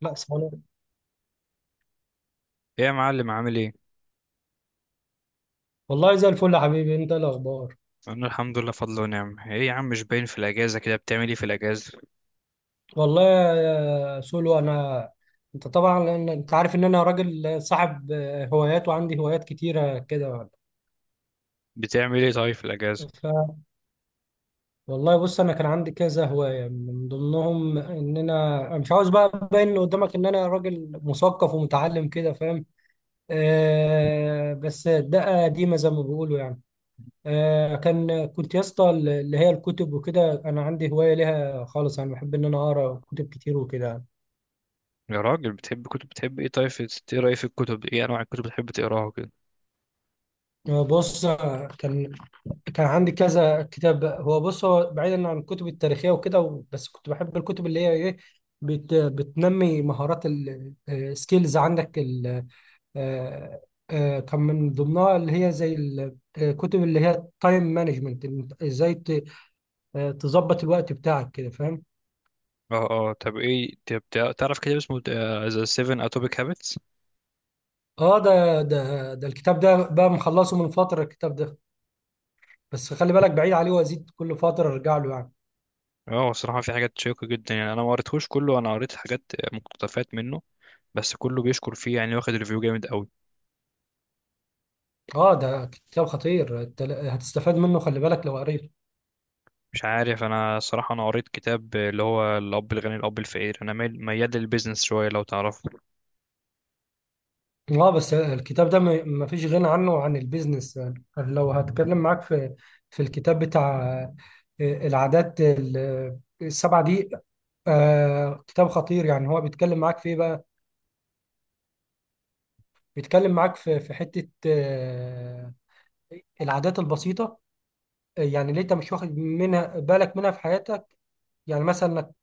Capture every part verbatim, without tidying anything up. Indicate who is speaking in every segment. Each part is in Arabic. Speaker 1: لا، سلام.
Speaker 2: ايه يا معلم، عامل ايه؟
Speaker 1: والله زي الفل يا حبيبي، انت إيه الاخبار؟
Speaker 2: انا الحمد لله، فضل ونعم. ايه يا عم، مش باين في الاجازه، كده بتعمل ايه في الاجازه؟
Speaker 1: والله يا سولو، انا، انت طبعا، لأن انت عارف ان انا راجل صاحب هوايات، وعندي هوايات كتيره كده.
Speaker 2: بتعمل ايه طيب في الاجازه؟
Speaker 1: ف والله بص، انا كان عندي كذا هوايه، من ضمنهم ان انا أنا مش عاوز بقى ابين قدامك ان انا راجل مثقف ومتعلم، كده فاهم. آه، بس ده قديمه زي ما بيقولوا يعني. آه، كان كنت يا اسطى، اللي هي الكتب وكده، انا عندي هوايه ليها خالص، انا بحب ان انا اقرا كتب كتير وكده.
Speaker 2: يا راجل بتحب كتب، بتحب ايه طيب في- تقرا ايه في الكتب؟ ايه انواع الكتب بتحب تقراها كده؟
Speaker 1: هو بص، كان كان عندي كذا كتاب. هو بص، هو بعيدا عن الكتب التاريخية وكده، و- بس كنت بحب الكتب اللي هي ايه، بت بتنمي مهارات، السكيلز عندك. ال آه، آه، كان من ضمنها اللي هي زي الكتب اللي هي تايم مانجمنت. ازاي ت- آه، تظبط الوقت بتاعك كده فاهم.
Speaker 2: اه اه، طب ايه، طب تع- تعرف كتاب اسمه ذا سفن اتوميك هابتس؟
Speaker 1: اه، ده ده ده الكتاب ده بقى مخلصه من فترة، الكتاب ده، بس خلي بالك، بعيد عليه وازيد كل فترة ارجع له يعني.
Speaker 2: اه، الصراحه في حاجات شيقه جدا، يعني انا ما قريتهوش كله، انا قريت حاجات، مقتطفات منه، بس كله بيشكر فيه يعني، واخد ريفيو جامد قوي.
Speaker 1: اه، ده كتاب خطير أنت، ل- هتستفاد منه، خلي بالك لو قريته.
Speaker 2: مش عارف، انا الصراحه انا قريت كتاب اللي هو الاب الغني الاب الفقير، انا ميال ميال للبيزنس شويه، لو تعرفه.
Speaker 1: اه، بس الكتاب ده ما ما فيش غنى عنه عن البيزنس يعني. لو هتكلم معاك في، في الكتاب بتاع، آه، العادات ال- السبعة دي، آه، كتاب خطير يعني. هو بيتكلم معاك في ايه بقى؟ بيتكلم معاك في، في حتة آه، العادات البسيطة، آه، يعني اللي انت مش واخد منها بالك، منها في حياتك. يعني مثلا انك،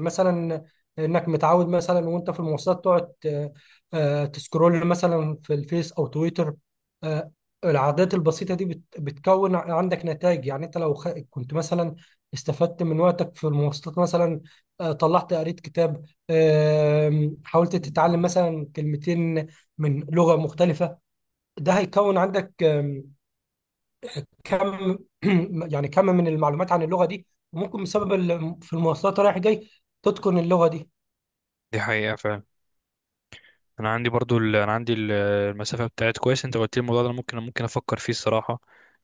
Speaker 1: مثلا انك متعود مثلا وانت في المواصلات تقعد آه، آه، تسكرول مثلا في الفيس او تويتر، آه، العادات البسيطة دي بت- بتكون عندك نتائج. يعني انت لو خ- كنت مثلا استفدت من وقتك في المواصلات مثلا، آه، طلعت قريت كتاب، آم، حاولت تتعلم مثلا كلمتين من لغة مختلفة، ده هيكون عندك كم، يعني كم من المعلومات عن اللغه دي، وممكن بسبب ال- في المواصلات رايح جاي تتقن اللغه دي.
Speaker 2: دي حقيقه، انا عندي برضو ال... انا عندي ال- المسافه بتاعت، كويس انت قلت لي الموضوع ده، انا ممكن ممكن افكر فيه الصراحه،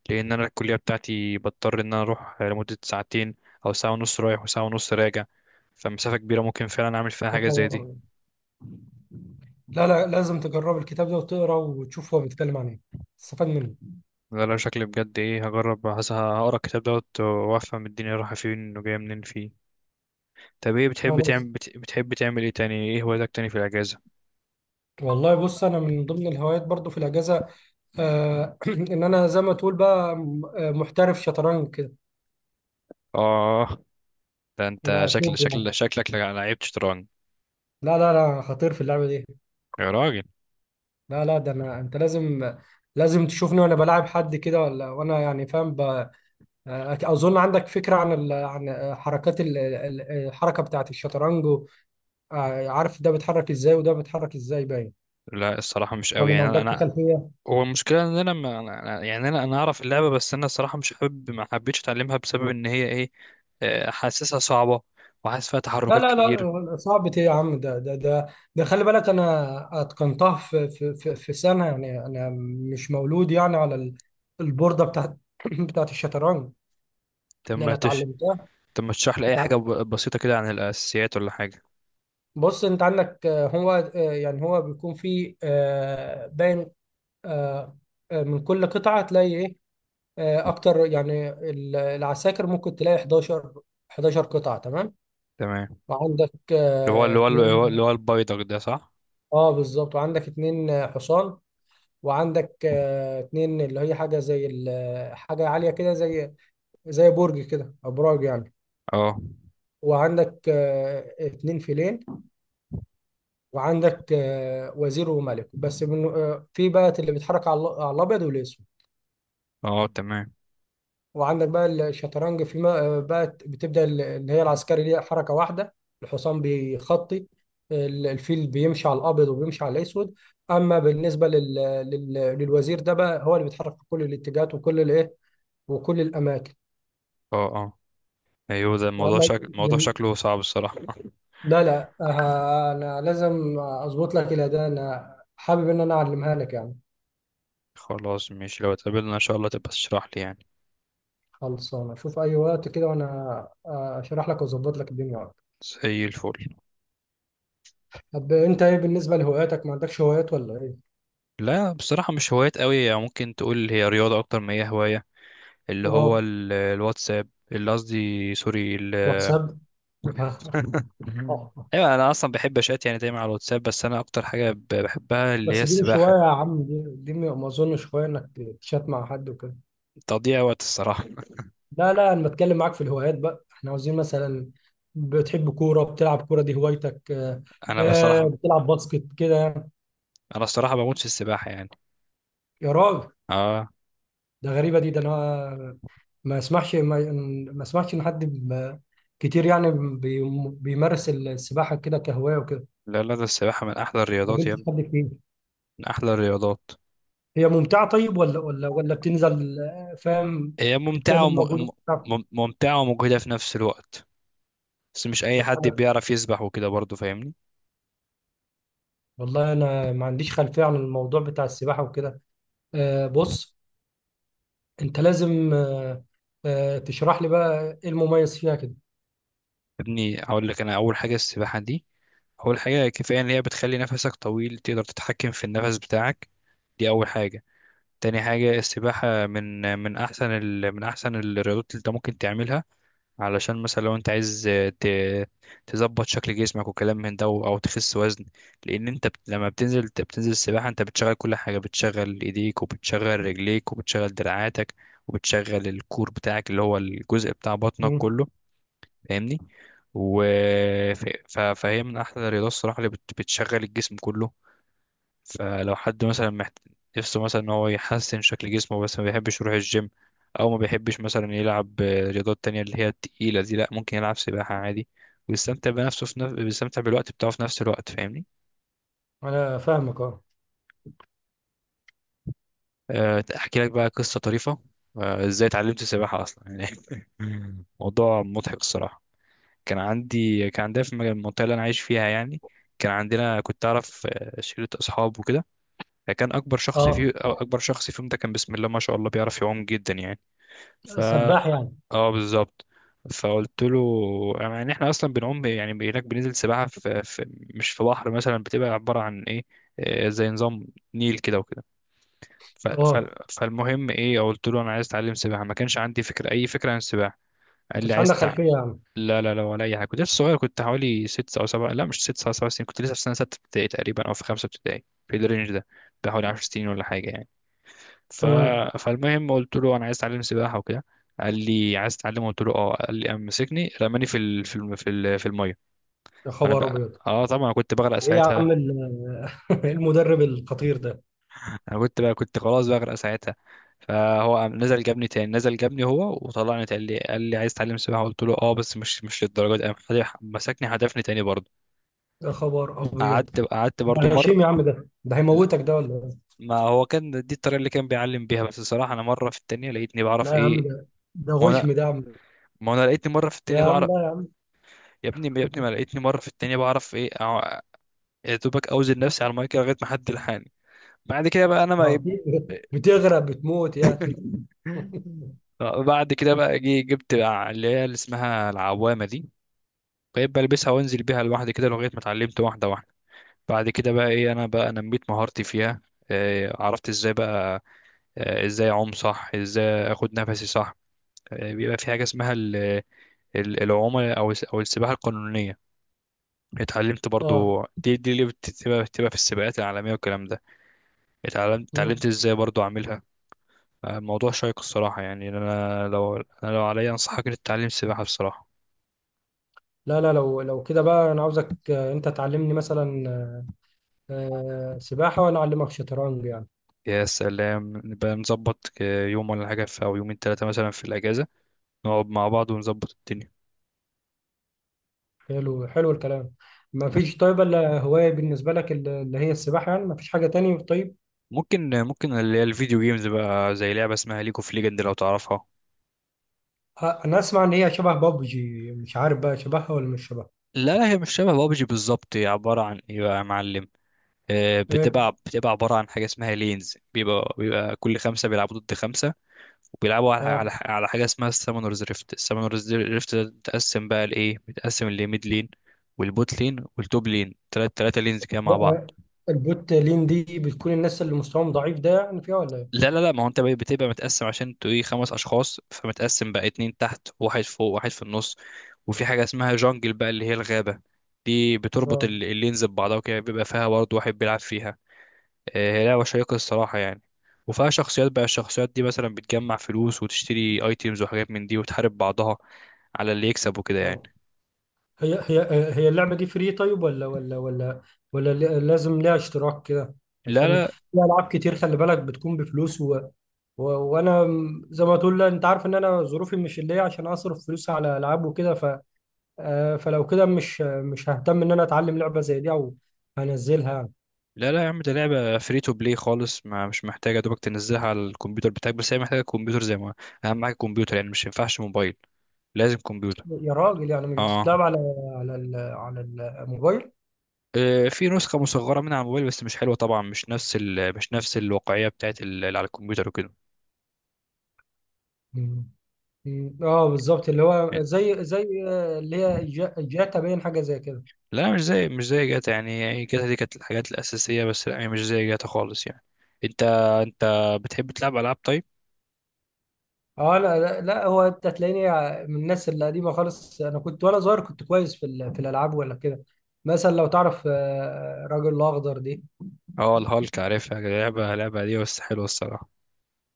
Speaker 2: لان انا الكليه بتاعتي بضطر ان انا اروح لمده ساعتين، او ساعه ونص رايح وساعه ونص راجع، فمسافه كبيره ممكن فعلا اعمل فيها
Speaker 1: يا
Speaker 2: حاجه زي
Speaker 1: خبر
Speaker 2: دي.
Speaker 1: أبيض. لا، لا، لازم تجرب الكتاب ده وتقرا وتشوف هو بيتكلم عن ايه، تستفاد منه.
Speaker 2: ده لو شكلي بجد ايه هجرب، هس- هقرا الكتاب دوت وافهم الدنيا رايحه فين وجايه منين فيه. طب ايه بتحب تعمل،
Speaker 1: خلاص.
Speaker 2: بت... بتحب تعمل ايه تاني، ايه هواياتك تاني في الاجازه؟
Speaker 1: والله بص، انا من ضمن الهوايات برضو في الاجازه، آه، ان انا زي ما تقول بقى، م- آه، محترف شطرنج كده،
Speaker 2: اه، ده انت شكل
Speaker 1: مقلوب يعني.
Speaker 2: شكل شكلك لعيب شطرنج.
Speaker 1: لا، لا، لا، خطير في اللعبه دي.
Speaker 2: يا راجل.
Speaker 1: لا، لا، ده انا، انت لازم، لازم تشوفني وانا بلاعب حد كده، ولا وانا يعني فاهم، ب- أك- أظن عندك فكرة عن ال... عن آه، حركات ال... ال- الحركة بتاعة الشطرنج و، آه، عارف ده بيتحرك إزاي وده بيتحرك إزاي، باين،
Speaker 2: لا الصراحه مش قوي
Speaker 1: ولا ما
Speaker 2: يعني، انا
Speaker 1: عندكش
Speaker 2: أنا
Speaker 1: خلفية؟
Speaker 2: هو المشكلة ان انا ما، أنا- يعني انا انا اعرف اللعبة، بس انا الصراحة مش حابب، ما حبيتش اتعلمها بسبب ان هي ايه، آه، حاسسها صعبة، وحاسس فيها
Speaker 1: لا،
Speaker 2: تحركات
Speaker 1: لا،
Speaker 2: كتير.
Speaker 1: لا، صعب إيه يا عم؟ ده ده ده ده خلي بالك، أنا أتقنتها في، في في في سنة يعني. أنا مش مولود يعني على ال- البوردة بتاعة بتاعة الشطرنج،
Speaker 2: طب
Speaker 1: إن أنا
Speaker 2: ما تش
Speaker 1: اتعلمتها.
Speaker 2: طب ما تشرح لي اي
Speaker 1: اتع-
Speaker 2: حاجة ب- بسيطة كده عن الاساسيات ولا حاجة.
Speaker 1: بص، أنت عندك آه، هو آه، يعني هو بيكون فيه آه، باين، آه، آه، من كل قطعة هتلاقي إيه، آه، اكتر يعني، ال- العساكر ممكن تلاقي حداشر حداشر قطعة تمام.
Speaker 2: تمام.
Speaker 1: وعندك
Speaker 2: اللي هو
Speaker 1: آه،
Speaker 2: اللي هو اللي هو اللي
Speaker 1: اتنين،
Speaker 2: هو البيدق ده، صح؟
Speaker 1: اه بالظبط، وعندك اتنين آه، حصان. وعندك آه، اتنين اللي هي حاجة زي ال- حاجة عالية كده، زي زي برج كده، ابراج يعني.
Speaker 2: اه
Speaker 1: وعندك آه، اتنين فيلين. وعندك آه، وزير وملك، بس من آه، في بقى اللي بيتحرك على ال- على الابيض والاسود.
Speaker 2: اه، تمام.
Speaker 1: وعندك بقى الشطرنج في ما بقى بتبدأ، ال- اللي هي العسكري ليها حركة واحدة، الحصان بيخطي، ال- الفيل بيمشي على الأبيض وبيمشي على الأسود. أما بالنسبة لل... لل... للوزير ده بقى، هو اللي بيتحرك في كل الاتجاهات وكل الإيه، وكل الأماكن.
Speaker 2: اه اه، ايوه، ده الموضوع،
Speaker 1: وأما
Speaker 2: شكل الموضوع
Speaker 1: بال-
Speaker 2: شكله صعب الصراحة.
Speaker 1: لا، لا، آه، أنا لازم أظبط لك إلى ده، أنا حابب إن أنا أعلمها لك يعني.
Speaker 2: خلاص ماشي، لو اتقابلنا ان شاء الله تبقى تشرح لي يعني.
Speaker 1: خلصانة، شوف أي وقت كده وأنا آه، أشرح لك وأظبط لك الدنيا.
Speaker 2: زي الفل.
Speaker 1: طب أنت إيه بالنسبة لهواياتك؟ ما عندكش هوايات ولا إيه؟
Speaker 2: لا بصراحة مش هوايات قوي يعني، ممكن تقول هي رياضة اكتر ما هي هواية. اللي هو
Speaker 1: أه،
Speaker 2: ال- الواتساب، اللي قصدي سوري ال-
Speaker 1: واتساب. اه. آه.
Speaker 2: ايوه انا اصلا بحب اشات يعني، دايما على الواتساب، بس انا اكتر حاجه ب- بحبها اللي هي
Speaker 1: بس دي مش
Speaker 2: السباحه.
Speaker 1: هواية يا عم، دي دي ما ما اظنش هواية انك تشات مع حد وكده.
Speaker 2: تضييع وقت الصراحه.
Speaker 1: لا، لا، انا بتكلم معاك في الهوايات بقى، احنا عاوزين مثلا، بتحب كورة، بتلعب كورة دي هوايتك، آه،
Speaker 2: انا
Speaker 1: آه،
Speaker 2: بصراحه،
Speaker 1: بتلعب باسكت كده يعني.
Speaker 2: انا الصراحه بموت في السباحه يعني.
Speaker 1: يا راجل،
Speaker 2: اه.
Speaker 1: ده غريبة دي، ده انا ما اسمعش ما, ما اسمعش ان حد، ب- كتير يعني بي- بيمارس السباحة كده كهواية وكده،
Speaker 2: لا لا، ده السباحه من احلى
Speaker 1: ما
Speaker 2: الرياضات يا
Speaker 1: قابلتش
Speaker 2: ابني،
Speaker 1: حد كتير.
Speaker 2: من احلى الرياضات.
Speaker 1: هي ممتعة طيب، ولا ولا ولا بتنزل آه، فاهم،
Speaker 2: هي ممتعه
Speaker 1: بتعمل
Speaker 2: وم...
Speaker 1: مجهود؟
Speaker 2: مم- ممتعه ومجهده في نفس الوقت، بس مش اي
Speaker 1: طب
Speaker 2: حد
Speaker 1: حلو.
Speaker 2: بيعرف يسبح وكده برضه، فاهمني.
Speaker 1: والله انا ما عنديش خلفيه عن الموضوع بتاع السباحه وكده. آه، بص، انت لازم آه، آه، تشرح لي بقى ايه المميز فيها كده.
Speaker 2: يا ابني هقول لك، انا اول حاجه السباحه دي، أول حاجة كفاية إن هي بتخلي نفسك طويل، تقدر تتحكم في النفس بتاعك، دي أول حاجة. تاني حاجة، السباحة من من أحسن ال... من أحسن الرياضات اللي أنت ممكن تعملها، علشان مثلا لو أنت عايز ت... تظبط شكل جسمك وكلام من ده، أو تخس وزن، لأن أنت بت... لما بتنزل بتنزل السباحة أنت بتشغل كل حاجة، بتشغل إيديك، وبتشغل رجليك، وبتشغل دراعاتك، وبتشغل الكور بتاعك اللي هو الجزء بتاع بطنك
Speaker 1: مم.
Speaker 2: كله، فاهمني. و ف- ف- فهي من احلى الرياضات الصراحه اللي بت- بتشغل الجسم كله. فلو حد مثلا محت... نفسه مثلا ان هو يحسن شكل جسمه، بس ما بيحبش يروح الجيم، او ما بيحبش مثلا يلعب آه، رياضات تانية اللي هي التقيله دي، لا ممكن يلعب سباحه عادي، ويستمتع بنفسه في نف... بيستمتع بالوقت بتاعه في نفس الوقت، فاهمني.
Speaker 1: انا فاهمك اه.
Speaker 2: أه، احكي لك بقى قصه طريفه، أه، ازاي اتعلمت السباحه اصلا يعني. موضوع مضحك الصراحه. كان عندي كان عندنا في المج- المنطقة اللي أنا عايش فيها يعني، كان عندنا، كنت أعرف آه، شلة أصحاب وكده، فكان أكبر شخص
Speaker 1: اه،
Speaker 2: فيه أو أكبر شخص فيهم ده كان بسم الله ما شاء الله بيعرف يعوم جدا يعني. فا.
Speaker 1: سباح يعني.
Speaker 2: اه بالظبط. فقلت له، يعني احنا اصلا بنعوم يعني هناك، بننزل سباحه في, في، مش في بحر مثلا، بتبقى عباره عن ايه، آه، زي نظام نيل كده وكده. ف- ف-
Speaker 1: اه،
Speaker 2: فالمهم ايه، قلت له انا عايز اتعلم سباحه، ما كانش عندي فكره، اي فكره عن السباحه.
Speaker 1: ما
Speaker 2: قال لي
Speaker 1: كانش
Speaker 2: عايز
Speaker 1: عندك
Speaker 2: تع-
Speaker 1: خلفيه يعني.
Speaker 2: لا لا لا، ولا اي حاجه، كنت لسه صغير، كنت حوالي ست او سبع، لا مش ست سبع، سبع سنين، كنت لسه في سنه سته ابتدائي تقريبا او في خمسه ابتدائي، في الرينج ده، بحوالي عشر سنين ولا حاجه يعني. ف...
Speaker 1: تمام.
Speaker 2: فالمهم قلت له انا عايز اتعلم سباحه وكده، قال لي عايز تتعلم، قلت له اه، قال لي، قام مسكني رماني في ال... في الم... في, ال... في الميه.
Speaker 1: يا
Speaker 2: وانا
Speaker 1: خبر
Speaker 2: بقى
Speaker 1: ابيض.
Speaker 2: اه، طبعا أنا كنت بغرق
Speaker 1: ايه يا
Speaker 2: ساعتها.
Speaker 1: عم ال- المدرب الخطير ده!
Speaker 2: انا كنت بقى، كنت خلاص بغرق ساعتها. فهو قام نزل جابني تاني، نزل جابني هو وطلعني، قال لي قال لي عايز تتعلم سباحه، قلت له اه بس مش مش للدرجه دي، قام خد- مسكني هدفني تاني برضه.
Speaker 1: يا خبر ابيض،
Speaker 2: قعدت قعدت
Speaker 1: ده
Speaker 2: برضو مر.
Speaker 1: غشيم يا عم، ده ده
Speaker 2: لا،
Speaker 1: هيموتك ده ولا إيه؟
Speaker 2: ما هو كان دي الطريقه اللي كان بيعلم بيها، بس الصراحه انا مره في التانية لقيتني بعرف
Speaker 1: لا يا عم،
Speaker 2: ايه.
Speaker 1: ده، ده
Speaker 2: ما انا
Speaker 1: غشم ده يا عم.
Speaker 2: ما انا لقيتني مره في التانية
Speaker 1: يا عم
Speaker 2: بعرف.
Speaker 1: لا،
Speaker 2: يا ابني يا ابني ما لقيتني مره في التانية بعرف ايه، أع- يا دوبك اوزن نفسي على المايك لغايه ما حد لحقني. بعد كده بقى انا
Speaker 1: يا عم،
Speaker 2: ما.
Speaker 1: هتي- بتغرق، بتموت يعني.
Speaker 2: بعد كده بقى، جي جبت بقى اللي هي اللي اسمها العوامه دي، بقيت بلبسها وانزل بيها لوحدي كده لغايه ما اتعلمت واحده واحده. بعد كده بقى ايه، انا بقى نميت مهارتي فيها، إيه، عرفت ازاي بقى، آه، ازاي اعوم صح، ازاي اخد نفسي صح، آه، بيبقى في حاجه اسمها ال- ال- العومه او الس- او السباحه القانونيه، اتعلمت
Speaker 1: اه.
Speaker 2: برضو دي، دي اللي بتبقى بتبقى في السباقات العالميه والكلام ده، اتعلمت
Speaker 1: مم.
Speaker 2: اتعلمت ازاي برضو اعملها. آه، موضوع شيق الصراحه يعني، انا لو، انا لو عليا انصحك انك تتعلم السباحه بصراحه.
Speaker 1: لا، لا، لو لو كده بقى، انا عاوزك آه، انت تعلمني مثلا آه، سباحة، وانا اعلمك شطرنج يعني.
Speaker 2: يا سلام، نبقى نظبط آه، يوم ولا حاجه في، او يومين ثلاثه مثلا في الاجازه، نقعد مع بعض ونظبط الدنيا.
Speaker 1: حلو، حلو الكلام. ما فيش طيب الا هواية بالنسبة لك ال- اللي هي السباحة يعني؟ ما فيش حاجة تاني طيب؟
Speaker 2: ممكن ممكن اللي هي الفيديو جيمز بقى، زي لعبه اسمها ليج اوف ليجند، لو تعرفها.
Speaker 1: ه- انا اسمع ان هي شبه بابجي، مش عارف بقى شبهها ولا مش شبهها.
Speaker 2: لا لا، هي مش شبه بابجي بالظبط، هي عبارة عن ايه بقى يا معلم، آه،
Speaker 1: ايه.
Speaker 2: بتبقى بتبقى عبارة عن حاجة اسمها لينز، بيبقى بيبقى كل خمسة بيلعبوا ضد خمسة، وبيلعبوا على على
Speaker 1: اه.
Speaker 2: على حاجة اسمها السامونرز ريفت، السامونرز ريفت ده بتقسم بقى لإيه، بتقسم لميد لين والبوت لين والتوب لين، تلات تلاتة لينز كده
Speaker 1: لا،
Speaker 2: مع بعض.
Speaker 1: آه، البوت لين دي بتكون الناس اللي مستواهم ضعيف ده يعني، فيها ولا ايه؟
Speaker 2: لا لا لا، ما هو انت بقى بتبقى متقسم عشان انتوا ايه، خمس اشخاص، فمتقسم بقى اتنين تحت واحد فوق واحد في النص، وفي حاجة اسمها جانجل بقى اللي هي الغابة، دي بتربط
Speaker 1: اه،
Speaker 2: ال- اللينز ببعضها وكده، بيبقى فيها برضه واحد بيلعب فيها. آه، هي لعبة شيقة الصراحة يعني، وفيها شخصيات بقى، الشخصيات دي مثلا بتجمع فلوس وتشتري ايتيمز وحاجات من دي وتحارب بعضها على اللي يكسب وكده
Speaker 1: اه.
Speaker 2: يعني.
Speaker 1: هي هي هي اللعبة دي فري طيب، ولا ولا ولا ولا ل- لازم ليها اشتراك كده؟
Speaker 2: لا
Speaker 1: عشان
Speaker 2: لا
Speaker 1: في ألعاب كتير خلي بالك بتكون بفلوس، و و وأنا، م- زي ما تقول، لا أنت عارف إن أنا ظروفي مش اللي هي عشان أصرف فلوس على ألعاب وكده. ف آه، فلو كده مش مش ههتم إن أنا أتعلم لعبة زي دي، أو هنزلها يعني.
Speaker 2: لا لا يا عم، ده لعبة فري تو بلاي خالص، ما مش محتاجة دوبك تنزلها على الكمبيوتر بتاعك، بس هي محتاجة كمبيوتر زي ما، أهم حاجة كمبيوتر يعني، مش ينفعش موبايل، لازم كمبيوتر.
Speaker 1: يا راجل، يعني مش
Speaker 2: اه.
Speaker 1: بتتلعب على، على ال- على الموبايل؟
Speaker 2: آه، في نسخة مصغرة منها على الموبايل، بس مش حلوة طبعا، مش نفس ال... مش نفس الواقعية بتاعت ال... اللي على الكمبيوتر وكده.
Speaker 1: مم. مم. اه بالظبط، اللي هو زي، زي آه، اللي هي جا- جاتا، باين حاجة زي كده.
Speaker 2: لا مش زي مش زي جاتا يعني، يعني جاتا دي كانت الحاجات الأساسية بس، لا يعني مش زي جاتا خالص يعني. انت انت بتحب تلعب ألعاب طيب؟
Speaker 1: اه، انا لا، لا، هو انت هتلاقيني من الناس القديمه خالص، انا كنت وانا صغير كنت كويس في ال- في الالعاب ولا كده. مثلا لو تعرف آه، الراجل الاخضر دي.
Speaker 2: اه الهالك، عارفها، لعبة لعبة دي بس حلوة الصراحة.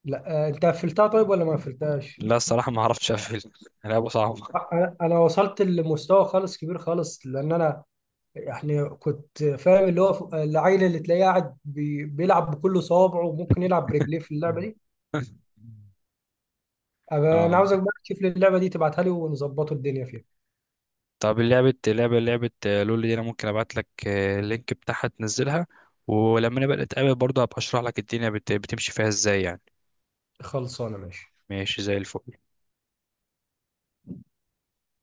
Speaker 1: لا، آه، انت قفلتها طيب ولا ما قفلتهاش؟
Speaker 2: لا الصراحة ما عرفتش أقفل، لعبة صعبة.
Speaker 1: آه، انا أنا وصلت لمستوى خالص كبير خالص، لان انا يعني كنت فاهم اللي هو، ف- العيل اللي تلاقيه قاعد بي- بيلعب بكل صوابعه، وممكن يلعب برجليه في اللعبه دي. أبقى انا
Speaker 2: اه.
Speaker 1: عاوزك بقى تشوف لي اللعبه دي، تبعتها لي، ونظبطوا الدنيا فيها.
Speaker 2: طب لعبة لعبة لعبة لول دي، انا ممكن ابعت لك آه، اللينك بتاعها تنزلها، ولما نبقى نتقابل برضه هبقى اشرح لك الدنيا بت- بتمشي فيها ازاي يعني.
Speaker 1: خلصانه، ماشي.
Speaker 2: ماشي زي الفل.